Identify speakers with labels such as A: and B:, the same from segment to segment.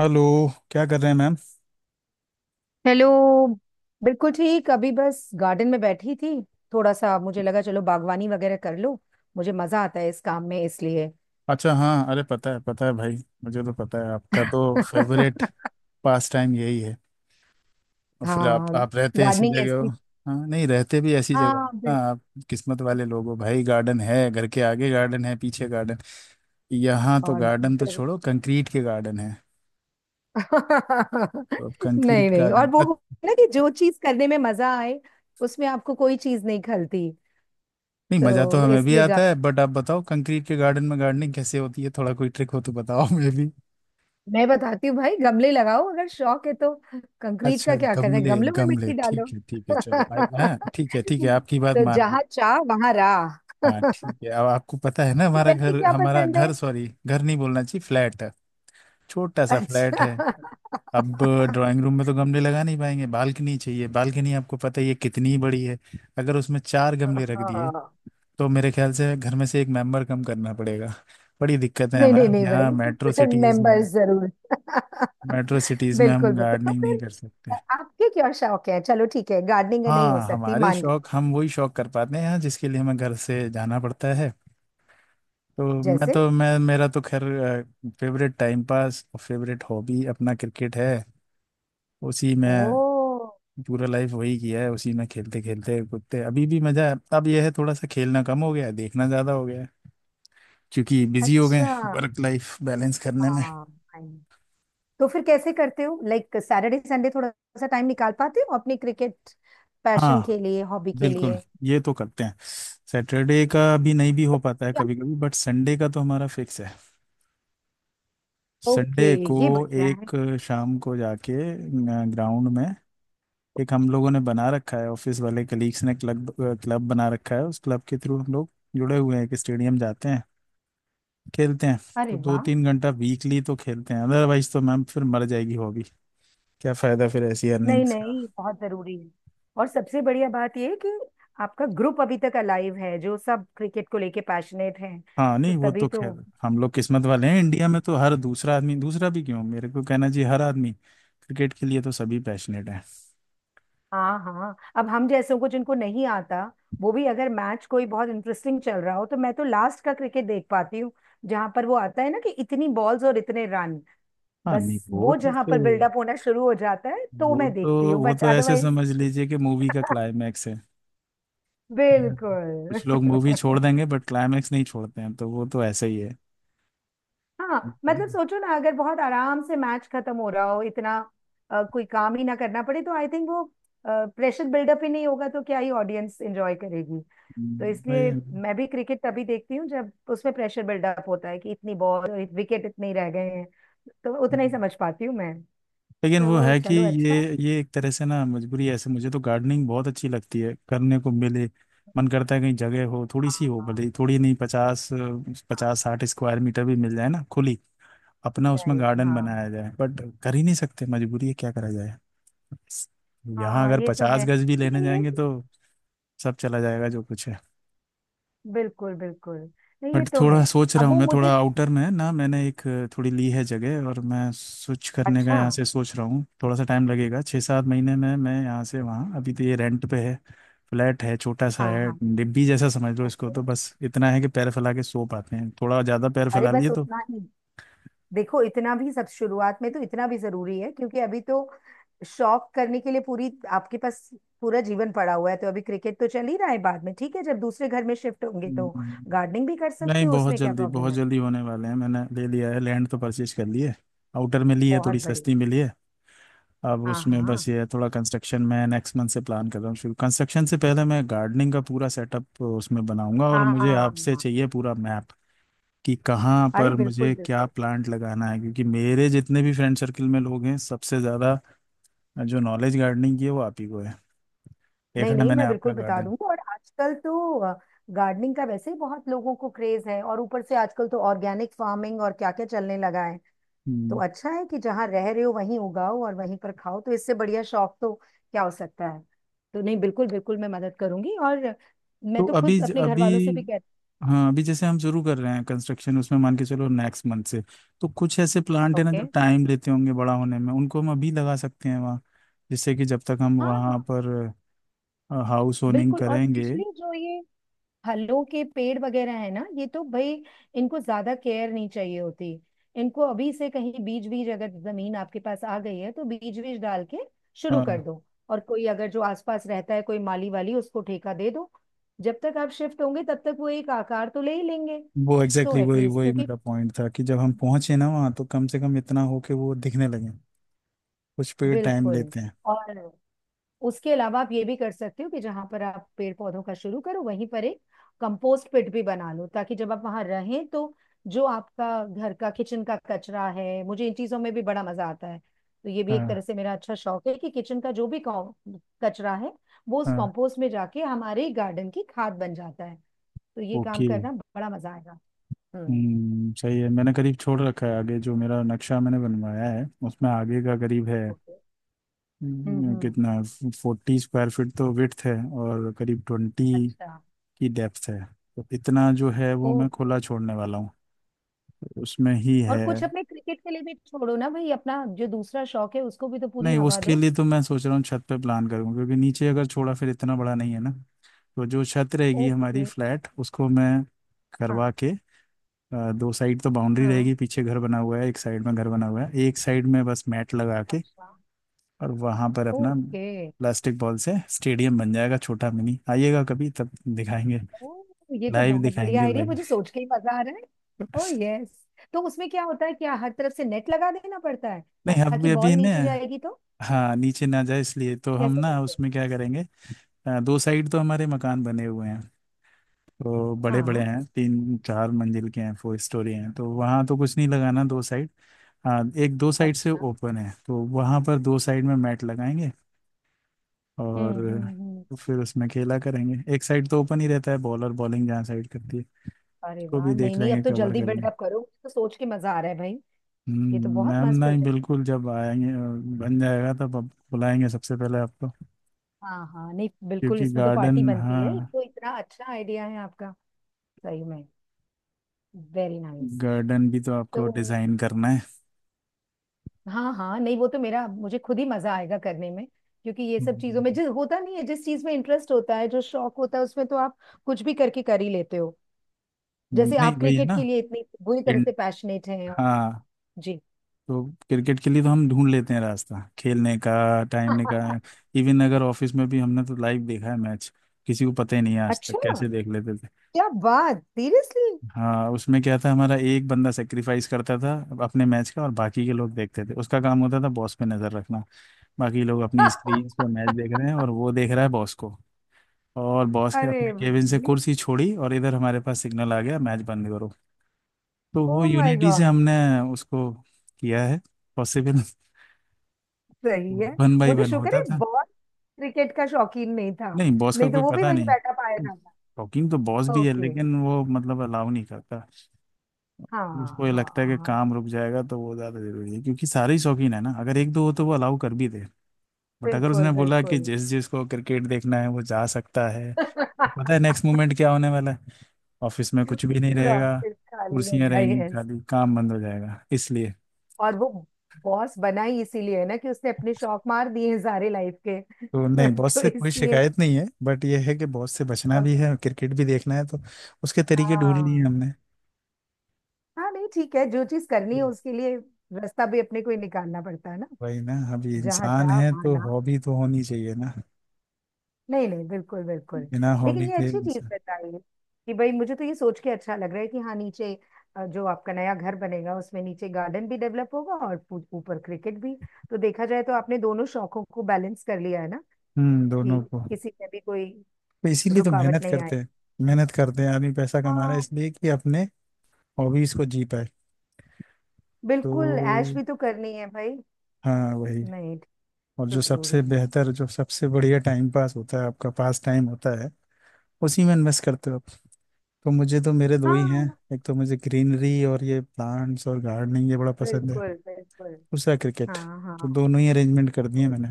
A: Hello. क्या कर रहे हैं मैम?
B: हेलो। बिल्कुल ठीक, अभी बस गार्डन में बैठी थी। थोड़ा सा मुझे लगा चलो बागवानी वगैरह कर लो। मुझे मजा आता है इस काम में इसलिए
A: अच्छा, हाँ। अरे पता है भाई। मुझे तो पता है, आपका तो फेवरेट पास टाइम यही है। और फिर आप
B: हाँ,
A: आप रहते ऐसी
B: गार्डनिंग
A: जगह हो।
B: ऐसी।
A: हाँ, नहीं रहते भी ऐसी जगह हो।
B: हाँ
A: हाँ,
B: बिल्कुल।
A: आप किस्मत वाले लोग हो भाई। गार्डन है, घर के आगे गार्डन है, पीछे गार्डन। यहाँ तो
B: और
A: गार्डन तो छोड़ो, कंक्रीट के गार्डन है। तो अब
B: नहीं
A: कंक्रीट
B: नहीं, और
A: गार्डन।
B: वो होता है ना कि जो चीज करने में मजा आए उसमें आपको कोई चीज नहीं खलती।
A: नहीं, मजा तो
B: तो
A: हमें भी
B: इसलिए
A: आता है, बट आप बताओ कंक्रीट के गार्डन में गार्डनिंग कैसे होती है? थोड़ा कोई ट्रिक हो तो बताओ हमें।
B: मैं बताती हूँ भाई, गमले लगाओ अगर शौक है तो। कंक्रीट का
A: अच्छा,
B: क्या करना है,
A: गमले।
B: गमलों में
A: गमले
B: मिट्टी
A: ठीक
B: डालो।
A: है, ठीक है, चलो आई। हाँ ठीक है, ठीक है, आपकी बात
B: तो
A: मान ली।
B: जहाँ चाह वहां राह।
A: हाँ ठीक है। अब आपको पता है ना,
B: तो
A: हमारा
B: वैसे
A: घर,
B: क्या
A: हमारा
B: पसंद है।
A: घर, सॉरी, घर नहीं बोलना चाहिए, फ्लैट है। छोटा सा फ्लैट
B: अच्छा
A: है। अब ड्राइंग रूम में तो गमले लगा नहीं पाएंगे, बालकनी चाहिए। बालकनी आपको पता ही है कितनी बड़ी है। अगर उसमें चार गमले रख दिए
B: हाँ,
A: तो मेरे ख्याल से घर में से एक मेंबर कम करना पड़ेगा। बड़ी दिक्कत है
B: नहीं नहीं
A: मैम,
B: नहीं
A: यहाँ मेट्रो
B: भाई
A: सिटीज में,
B: मेंबर्स जरूर
A: मेट्रो सिटीज में
B: बिल्कुल
A: हम
B: बिल्कुल। तो
A: गार्डनिंग नहीं कर सकते।
B: फिर आपके क्या शौक है। चलो ठीक है, गार्डनिंग नहीं हो
A: हाँ,
B: सकती,
A: हमारे
B: मान गए।
A: शौक, हम वही शौक कर पाते हैं जिसके लिए हमें घर से जाना पड़ता है। तो मैं
B: जैसे?
A: तो मैं मेरा तो खैर फेवरेट टाइम पास और फेवरेट हॉबी अपना क्रिकेट है। उसी
B: ओ
A: में पूरा लाइफ वही किया है। उसी में खेलते खेलते कूदते अभी भी मजा है। अब यह है, थोड़ा सा खेलना कम हो गया है, देखना ज्यादा हो गया है। क्योंकि बिजी हो गए
B: अच्छा।
A: वर्क लाइफ बैलेंस करने में।
B: हाँ, तो फिर कैसे करते हो, लाइक सैटरडे संडे थोड़ा सा टाइम निकाल पाते हो अपनी क्रिकेट पैशन
A: हाँ,
B: के लिए, हॉबी के
A: बिल्कुल,
B: लिए?
A: ये तो करते हैं। सैटरडे का भी नहीं भी हो पाता है
B: या-
A: कभी कभी, बट संडे का तो हमारा फिक्स है।
B: ओके,
A: संडे को
B: ये बढ़िया है।
A: एक शाम को जाके ग्राउंड में, एक हम लोगों ने बना रखा है, ऑफिस वाले कलीग्स ने क्लब, क्लब बना रखा है, उस क्लब के थ्रू हम लोग जुड़े हुए हैं कि स्टेडियम जाते हैं, खेलते हैं। तो
B: अरे
A: दो
B: वाह,
A: तीन घंटा वीकली तो खेलते हैं, अदरवाइज तो मैम फिर मर जाएगी हॉबी। क्या फायदा फिर ऐसी
B: नहीं
A: अर्निंग्स का?
B: नहीं बहुत जरूरी है। और सबसे बढ़िया बात ये है कि आपका ग्रुप अभी तक अलाइव है, जो सब क्रिकेट को लेके पैशनेट हैं,
A: हाँ
B: तो
A: नहीं, वो
B: तभी
A: तो
B: तो।
A: खैर हम लोग किस्मत वाले हैं।
B: हम्म।
A: इंडिया में तो हर दूसरा आदमी, दूसरा भी क्यों, मेरे को कहना चाहिए हर आदमी, क्रिकेट के लिए तो सभी पैशनेट हैं।
B: हाँ हाँ, अब हम जैसों को जिनको नहीं आता, वो भी अगर मैच कोई बहुत इंटरेस्टिंग चल रहा हो तो मैं तो लास्ट का क्रिकेट देख पाती हूँ। जहां पर वो आता है ना कि इतनी बॉल्स और इतने रन,
A: हाँ नहीं,
B: बस
A: वो
B: वो
A: तो
B: जहां पर
A: फिर
B: बिल्डअप होना शुरू हो जाता है तो
A: वो
B: मैं देखती
A: तो
B: हूँ,
A: वो
B: बट
A: तो ऐसे
B: अदरवाइज।
A: समझ लीजिए कि मूवी का क्लाइमैक्स है। हाँ।
B: बिल्कुल
A: कुछ लोग मूवी छोड़ देंगे बट क्लाइमैक्स नहीं छोड़ते हैं, तो वो तो ऐसा ही है।
B: हाँ मतलब
A: हम्म,
B: सोचो ना, अगर बहुत आराम से मैच खत्म हो रहा हो, इतना कोई काम ही ना करना पड़े, तो आई थिंक वो प्रेशर बिल्डअप ही नहीं होगा, तो क्या ही ऑडियंस एंजॉय करेगी। तो
A: वही
B: इसलिए
A: है ना।
B: मैं भी क्रिकेट तभी देखती हूँ जब उसमें प्रेशर बिल्डअप होता है कि इतनी बॉल और विकेट इतने ही रह गए हैं। तो उतना ही समझ पाती हूँ मैं।
A: लेकिन वो
B: तो
A: है कि
B: चलो
A: ये
B: अच्छा।
A: ये एक तरह से ना मजबूरी है। ऐसे मुझे तो गार्डनिंग बहुत अच्छी लगती है, करने को मिले। मन करता है कहीं जगह हो, थोड़ी सी हो, भले ही थोड़ी नहीं, पचास 50-60 स्क्वायर मीटर भी मिल जाए ना खुली, अपना उसमें
B: राइट, हाँ right,
A: गार्डन
B: हाँ।
A: बनाया जाए। बट कर ही नहीं सकते, मजबूरी है, क्या करा जाए। यहाँ
B: हाँ
A: अगर
B: ये तो
A: पचास
B: है,
A: गज भी लेने
B: लेकिन ये।
A: जाएंगे तो सब चला जाएगा जो कुछ है।
B: बिल्कुल बिल्कुल, नहीं ये
A: बट
B: तो है।
A: थोड़ा सोच रहा
B: अब
A: हूँ
B: वो
A: मैं, थोड़ा
B: मुझे।
A: आउटर में है ना, मैंने एक थोड़ी ली है जगह, और मैं स्विच करने का
B: अच्छा।
A: यहाँ से सोच रहा हूँ। थोड़ा सा टाइम लगेगा, 6-7 महीने में मैं यहाँ से वहाँ। अभी तो ये रेंट पे है। फ्लैट है, छोटा सा
B: हाँ
A: है,
B: हाँ।
A: डिब्बी जैसा समझ लो इसको।
B: ओके,
A: तो बस इतना है कि पैर फैला के सो पाते हैं, थोड़ा ज़्यादा पैर
B: अरे
A: फैला लिए
B: बस
A: तो।
B: उतना ही। देखो इतना भी, सब शुरुआत में तो इतना भी जरूरी है, क्योंकि अभी तो शौक करने के लिए पूरी आपके पास, पूरा जीवन पड़ा हुआ है। तो अभी क्रिकेट तो चल ही रहा है, बाद में ठीक है, जब दूसरे घर में शिफ्ट होंगे तो
A: हम्म,
B: गार्डनिंग भी कर
A: नहीं,
B: सकते हो,
A: बहुत
B: उसमें क्या
A: जल्दी
B: प्रॉब्लम
A: बहुत
B: है।
A: जल्दी होने वाले हैं। मैंने ले लिया है, लैंड तो परचेज कर ली है। आउटर में ली है,
B: बहुत
A: थोड़ी
B: बड़ी।
A: सस्ती मिली है। अब
B: हाँ
A: उसमें
B: हाँ।
A: बस ये है, थोड़ा कंस्ट्रक्शन मैं नेक्स्ट मंथ से प्लान कर रहा हूँ शुरू। कंस्ट्रक्शन से पहले मैं गार्डनिंग का पूरा सेटअप उसमें बनाऊंगा, और
B: हाँ
A: मुझे आपसे
B: हाँ।
A: चाहिए पूरा मैप, कि कहाँ
B: अरे
A: पर
B: बिल्कुल
A: मुझे क्या
B: बिल्कुल।
A: प्लांट लगाना है, क्योंकि मेरे जितने भी फ्रेंड सर्कल में लोग हैं, सबसे ज़्यादा जो नॉलेज गार्डनिंग की है वो आप ही को है। देखा
B: नहीं
A: है
B: नहीं
A: मैंने
B: मैं
A: आपका
B: बिल्कुल बता
A: गार्डन।
B: दूंगी। और आजकल तो गार्डनिंग का वैसे ही बहुत लोगों को क्रेज है, और ऊपर से आजकल तो ऑर्गेनिक फार्मिंग और क्या क्या चलने लगा है। तो
A: हम्म,
B: अच्छा है कि जहाँ रह रहे हो वहीं उगाओ और वहीं पर खाओ, तो इससे बढ़िया शौक तो क्या हो सकता है। तो नहीं, बिल्कुल बिल्कुल मैं मदद करूंगी। और मैं
A: तो
B: तो
A: अभी
B: खुद अपने घर
A: अभी,
B: वालों से भी कहती।
A: हाँ, अभी जैसे हम शुरू कर रहे हैं कंस्ट्रक्शन, उसमें मान के चलो नेक्स्ट मंथ से। तो कुछ ऐसे प्लांट है ना
B: ओके।
A: जो टाइम लेते होंगे बड़ा होने में, उनको हम अभी लगा सकते हैं वहाँ, जिससे कि जब तक हम
B: हाँ
A: वहाँ
B: हाँ,
A: पर हाउस होनिंग
B: बिल्कुल। और
A: करेंगे।
B: स्पेशली जो ये फलों के पेड़ वगैरह है ना, ये तो भाई, इनको ज्यादा केयर नहीं चाहिए होती। इनको अभी से, कहीं बीज बीज अगर जमीन आपके पास आ गई है तो बीज बीज डाल के शुरू
A: हाँ,
B: कर दो। और कोई अगर जो आसपास रहता है, कोई माली वाली, उसको ठेका दे दो। जब तक आप शिफ्ट होंगे तब तक वो एक आकार तो ले ही लेंगे।
A: वो
B: तो
A: एग्जैक्टली exactly वही
B: एटलीस्ट,
A: वही
B: क्योंकि
A: मेरा पॉइंट था कि जब हम पहुंचे ना वहाँ, तो कम से कम इतना हो कि वो दिखने लगे। कुछ पेड़ टाइम
B: बिल्कुल।
A: लेते हैं।
B: और उसके अलावा आप ये भी कर सकते हो कि जहां पर आप पेड़ पौधों का शुरू करो, वहीं पर एक कंपोस्ट पिट भी बना लो, ताकि जब आप वहां रहें तो जो आपका घर का किचन का कचरा है, मुझे इन चीजों में भी बड़ा मजा आता है। तो ये भी एक तरह
A: हाँ
B: से मेरा अच्छा शौक है कि किचन का जो भी कचरा है वो उस
A: हाँ,
B: कंपोस्ट में जाके हमारे गार्डन की खाद बन जाता है। तो ये काम
A: ओके।
B: करना बड़ा मजा आएगा। हम्म।
A: हम्म, सही है। मैंने करीब छोड़ रखा है आगे, जो मेरा नक्शा मैंने बनवाया है उसमें आगे का करीब है।
B: ओके। हम्म।
A: कितना, 40 स्क्वायर फीट तो विड्थ है, और करीब 20
B: अच्छा।
A: की डेप्थ है। तो इतना जो है वो मैं
B: ओके।
A: खुला छोड़ने वाला हूँ, उसमें ही
B: और
A: है।
B: कुछ अपने क्रिकेट के लिए भी छोड़ो ना भाई, अपना जो दूसरा शौक है उसको भी तो पूरी
A: नहीं,
B: हवा
A: उसके
B: दो।
A: लिए तो मैं सोच रहा हूँ छत पे प्लान करूँ, क्योंकि नीचे अगर छोड़ा फिर इतना बड़ा नहीं है ना। तो जो छत रहेगी हमारी
B: ओके।
A: फ्लैट, उसको मैं करवा
B: हाँ।
A: के, दो साइड तो बाउंड्री रहेगी,
B: हाँ,
A: पीछे घर बना हुआ है, एक साइड में घर बना हुआ है, एक साइड में बस मैट लगा के।
B: अच्छा।
A: और वहां पर अपना
B: ओके।
A: प्लास्टिक बॉल से स्टेडियम बन जाएगा, छोटा मिनी। आइएगा कभी, तब दिखाएंगे।
B: ओ, ये तो
A: लाइव
B: बहुत बढ़िया
A: दिखाएंगे
B: आइडिया,
A: लाइव।
B: मुझे सोच के ही मजा आ रहा है। ओ यस। तो उसमें क्या होता है, क्या हर तरफ से नेट लगा देना पड़ता है
A: नहीं
B: ताकि
A: अभी,
B: बॉल
A: अभी ना,
B: नीचे जाएगी तो?
A: हाँ, नीचे ना जाए इसलिए तो हम
B: कैसे
A: ना
B: करते हैं?
A: उसमें क्या करेंगे। दो साइड तो हमारे मकान बने हुए हैं, तो बड़े बड़े
B: हाँ।
A: हैं, 3-4 मंजिल के हैं, 4 स्टोरी हैं, तो वहाँ तो कुछ नहीं लगाना दो साइड। हाँ, एक दो साइड से
B: अच्छा।
A: ओपन है तो वहाँ पर दो साइड में मैट लगाएंगे, और
B: हम्म।
A: फिर उसमें खेला करेंगे। एक साइड तो ओपन ही रहता है, बॉलर बॉलिंग जहाँ साइड करती है,
B: अरे
A: उसको
B: वाह,
A: भी
B: नहीं
A: देख
B: नहीं अब
A: लेंगे,
B: तो
A: कवर
B: जल्दी
A: कर लेंगे।
B: बिल्डअप करो, मुझे तो सोच के मजा आ रहा है भाई। ये तो बहुत
A: मैम,
B: मस्त
A: नहीं
B: प्रोजेक्ट
A: बिल्कुल, जब आएंगे, बन जाएगा तब आप बुलाएंगे सबसे पहले आपको।
B: है। हाँ हाँ, नहीं बिल्कुल,
A: क्योंकि
B: इसमें तो
A: गार्डन,
B: पार्टी बनती है, ये
A: हाँ,
B: तो इतना अच्छा आइडिया है आपका। सही में। Very nice.
A: गार्डन भी तो
B: तो
A: आपको डिजाइन करना है।
B: हाँ हाँ, नहीं वो तो मेरा, मुझे खुद ही मजा आएगा करने में, क्योंकि ये सब चीजों में
A: हम्म।
B: जिस होता नहीं है, जिस चीज में इंटरेस्ट होता है, जो शौक होता है, उसमें तो आप कुछ भी करके कर ही लेते हो। जैसे
A: नहीं
B: आप
A: वही है
B: क्रिकेट के
A: ना।
B: लिए इतनी बुरी तरह
A: इन-
B: से पैशनेट हैं, और
A: हाँ,
B: जी।
A: तो क्रिकेट के लिए तो हम ढूंढ लेते हैं रास्ता खेलने का, टाइम निकाल। इवन अगर ऑफिस में भी हमने तो लाइव देखा है मैच, किसी को पता ही नहीं है आज तक
B: अच्छा,
A: कैसे देख लेते थे।
B: क्या बात, सीरियसली?
A: हाँ, उसमें क्या था, हमारा एक बंदा सेक्रीफाइस करता था अपने मैच का, और बाकी के लोग देखते थे। उसका काम होता था बॉस पे नजर रखना। बाकी लोग अपनी स्क्रीन पर मैच देख रहे हैं, और वो देख रहा है बॉस को। और बॉस के
B: अरे
A: अपने केबिन से
B: भाई।
A: कुर्सी छोड़ी और इधर हमारे पास सिग्नल आ गया, मैच बंद करो। तो वो
B: ओ माय
A: यूनिटी से
B: गॉड।
A: हमने उसको किया है पॉसिबल।
B: सही है।
A: वन
B: वो
A: बाई
B: तो
A: वन
B: शुक्र
A: होता
B: है
A: था।
B: बहुत, क्रिकेट का शौकीन नहीं था।
A: नहीं, बॉस का
B: नहीं तो
A: कोई
B: वो भी
A: पता
B: वहीं बैठा पाया
A: नहीं।
B: जाता।
A: टॉकिंग तो बॉस भी है,
B: ओके।
A: लेकिन वो मतलब अलाउ नहीं करता।
B: हाँ।
A: उसको ये
B: हाँ
A: लगता है कि
B: हाँ।
A: काम रुक जाएगा तो वो ज़्यादा जरूरी है, क्योंकि सारे ही शौकीन है ना, अगर एक दो हो तो वो अलाउ कर भी दे। बट अगर
B: बिल्कुल
A: उसने बोला कि
B: बिल्कुल,
A: जिस जिसको क्रिकेट देखना है वो जा सकता है,
B: पूरा
A: तो पता है नेक्स्ट मोमेंट क्या होने वाला है। ऑफिस में कुछ भी नहीं रहेगा,
B: ऑफिस खाली हो
A: कुर्सियां
B: गया।
A: रहेंगी
B: यस।
A: खाली, काम बंद हो जाएगा, इसलिए।
B: और वो बॉस बना ही इसीलिए है ना, कि उसने अपने शौक मार दिए हैं सारे लाइफ के
A: तो नहीं, बॉस
B: तो
A: से कोई
B: इसलिए।
A: शिकायत नहीं है, बट ये है कि बॉस से बचना भी
B: ओके।
A: है, क्रिकेट भी देखना है, तो उसके तरीके ढूंढ लिए
B: हाँ
A: हमने।
B: हाँ, नहीं ठीक है, जो चीज करनी है
A: हम्म।
B: उसके लिए रास्ता भी अपने को ही निकालना पड़ता है ना।
A: वही ना, अभी
B: जहाँ
A: इंसान
B: चाह
A: है तो
B: वहाँ।
A: हॉबी तो होनी चाहिए ना।
B: नहीं नहीं, बिल्कुल बिल्कुल।
A: बिना
B: लेकिन
A: हॉबी
B: ये
A: के
B: अच्छी चीज बताई कि भाई, मुझे तो ये सोच के अच्छा लग रहा है कि हाँ, नीचे जो आपका नया घर बनेगा उसमें नीचे गार्डन भी डेवलप होगा और ऊपर क्रिकेट भी। तो देखा जाए तो आपने दोनों शौकों को बैलेंस कर लिया है ना कि
A: दोनों को।
B: किसी में भी कोई
A: तो इसीलिए तो
B: रुकावट
A: मेहनत
B: नहीं
A: करते
B: आएगी।
A: हैं, मेहनत करते हैं। आदमी पैसा कमा रहा है
B: हाँ।
A: इसलिए कि अपने हॉबीज को जी पाए।
B: बिल्कुल, ऐश
A: तो
B: भी तो करनी है भाई।
A: हाँ, वही।
B: नहीं
A: और
B: तो
A: जो
B: जरूरी
A: सबसे
B: है।
A: बेहतर, जो सबसे बढ़िया टाइम पास होता है, आपका पास टाइम होता है, उसी में इन्वेस्ट करते हो आप। तो मुझे तो, मेरे दो ही हैं।
B: हाँ
A: एक तो मुझे ग्रीनरी और ये प्लांट्स और गार्डनिंग ये बड़ा पसंद है,
B: बिल्कुल बिल्कुल।
A: दूसरा क्रिकेट।
B: हाँ
A: तो
B: हाँ।
A: दोनों ही अरेंजमेंट कर दिए मैंने।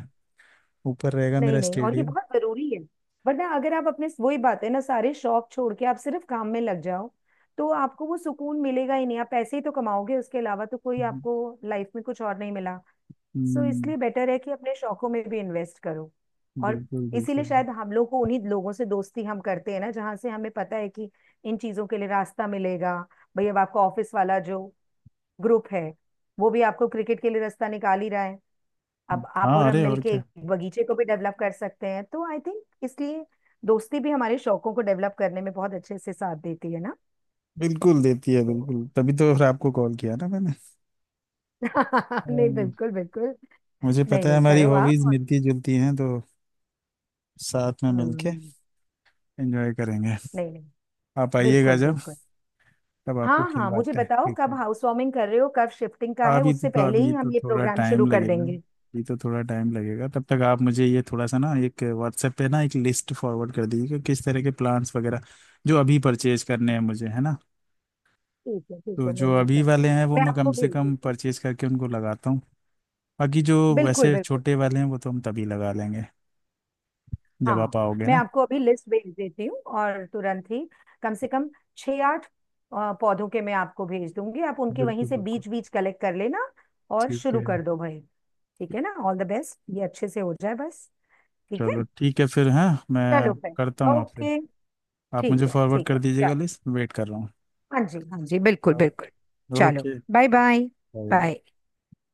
A: ऊपर रहेगा
B: नहीं
A: मेरा
B: नहीं, और ये
A: स्टेडियम।
B: बहुत जरूरी है। वरना अगर आप अपने, वही बात है ना, सारे शौक छोड़ के आप सिर्फ काम में लग जाओ, तो आपको वो सुकून मिलेगा ही नहीं। आप पैसे ही तो कमाओगे, उसके अलावा तो कोई आपको लाइफ में कुछ और नहीं मिला। सो
A: हम्म,
B: इसलिए बेटर है कि अपने शौकों में भी इन्वेस्ट करो। और
A: बिल्कुल
B: इसीलिए
A: बिल्कुल।
B: शायद हम लोग को उन्हीं लोगों से दोस्ती हम करते हैं ना जहाँ से हमें पता है कि इन चीजों के लिए रास्ता मिलेगा। भाई अब आपका ऑफिस वाला जो ग्रुप है, वो भी आपको क्रिकेट के लिए रास्ता निकाल ही रहा है। अब आप
A: हाँ
B: और हम
A: अरे और
B: मिलके
A: क्या,
B: एक बगीचे को भी डेवलप कर सकते हैं, तो आई थिंक इसलिए दोस्ती भी हमारे शौकों को डेवलप करने में बहुत अच्छे से साथ देती है ना।
A: बिल्कुल देती है
B: तो
A: बिल्कुल, तभी तो फिर आपको कॉल किया ना मैंने।
B: नहीं
A: हम्म,
B: बिल्कुल बिल्कुल।
A: मुझे
B: नहीं
A: पता है
B: नहीं
A: हमारी
B: करो आप
A: हॉबीज मिलती जुलती हैं, तो साथ में मिलके
B: हम्म।
A: एंजॉय करेंगे।
B: नहीं नहीं,
A: आप आइएगा
B: बिल्कुल
A: जब,
B: बिल्कुल।
A: तब आपको
B: हाँ हाँ, मुझे
A: खिलवाते हैं
B: बताओ कब
A: क्रिकेट।
B: हाउस वार्मिंग कर रहे हो, कब शिफ्टिंग का है,
A: अभी तो
B: उससे
A: तो
B: पहले
A: अभी
B: ही
A: तो
B: हम ये
A: थोड़ा
B: प्रोग्राम
A: टाइम
B: शुरू कर
A: लगेगा,
B: देंगे।
A: अभी तो थोड़ा टाइम लगेगा। तब तक आप मुझे ये थोड़ा सा ना, एक व्हाट्सएप पे ना, एक लिस्ट फॉरवर्ड कर दीजिए कि किस तरह के प्लान्स वगैरह, जो अभी परचेज करने हैं मुझे, है ना।
B: ठीक है ठीक
A: तो
B: है, नहीं
A: जो
B: यही
A: अभी
B: करते
A: वाले
B: हैं,
A: हैं, वो
B: मैं
A: मैं कम
B: आपको
A: से
B: भेज
A: कम
B: देती हूँ।
A: परचेज करके उनको लगाता हूँ, बाकी जो
B: बिल्कुल
A: वैसे
B: बिल्कुल।
A: छोटे वाले हैं वो तो हम तभी लगा लेंगे, जब आप
B: हाँ,
A: आओगे
B: मैं
A: ना।
B: आपको अभी लिस्ट भेज देती हूँ और तुरंत ही कम से कम 6 8 पौधों के मैं आपको भेज दूंगी, आप उनके वहीं
A: बिल्कुल
B: से
A: बिल्कुल,
B: बीज बीज कलेक्ट कर लेना और
A: ठीक
B: शुरू
A: है।
B: कर दो भाई। ठीक है ना, ऑल द बेस्ट, ये अच्छे से हो जाए बस। ठीक
A: चलो
B: है,
A: ठीक है फिर। हाँ मैं
B: चलो भाई।
A: करता हूँ आपसे।
B: ओके।
A: आप मुझे फॉरवर्ड
B: ठीक
A: कर
B: है
A: दीजिएगा
B: चलो।
A: लिस्ट, वेट कर रहा
B: हाँ जी हाँ जी, बिल्कुल बिल्कुल।
A: हूँ।
B: चलो,
A: okay,
B: bye bye.
A: Bye.
B: Bye.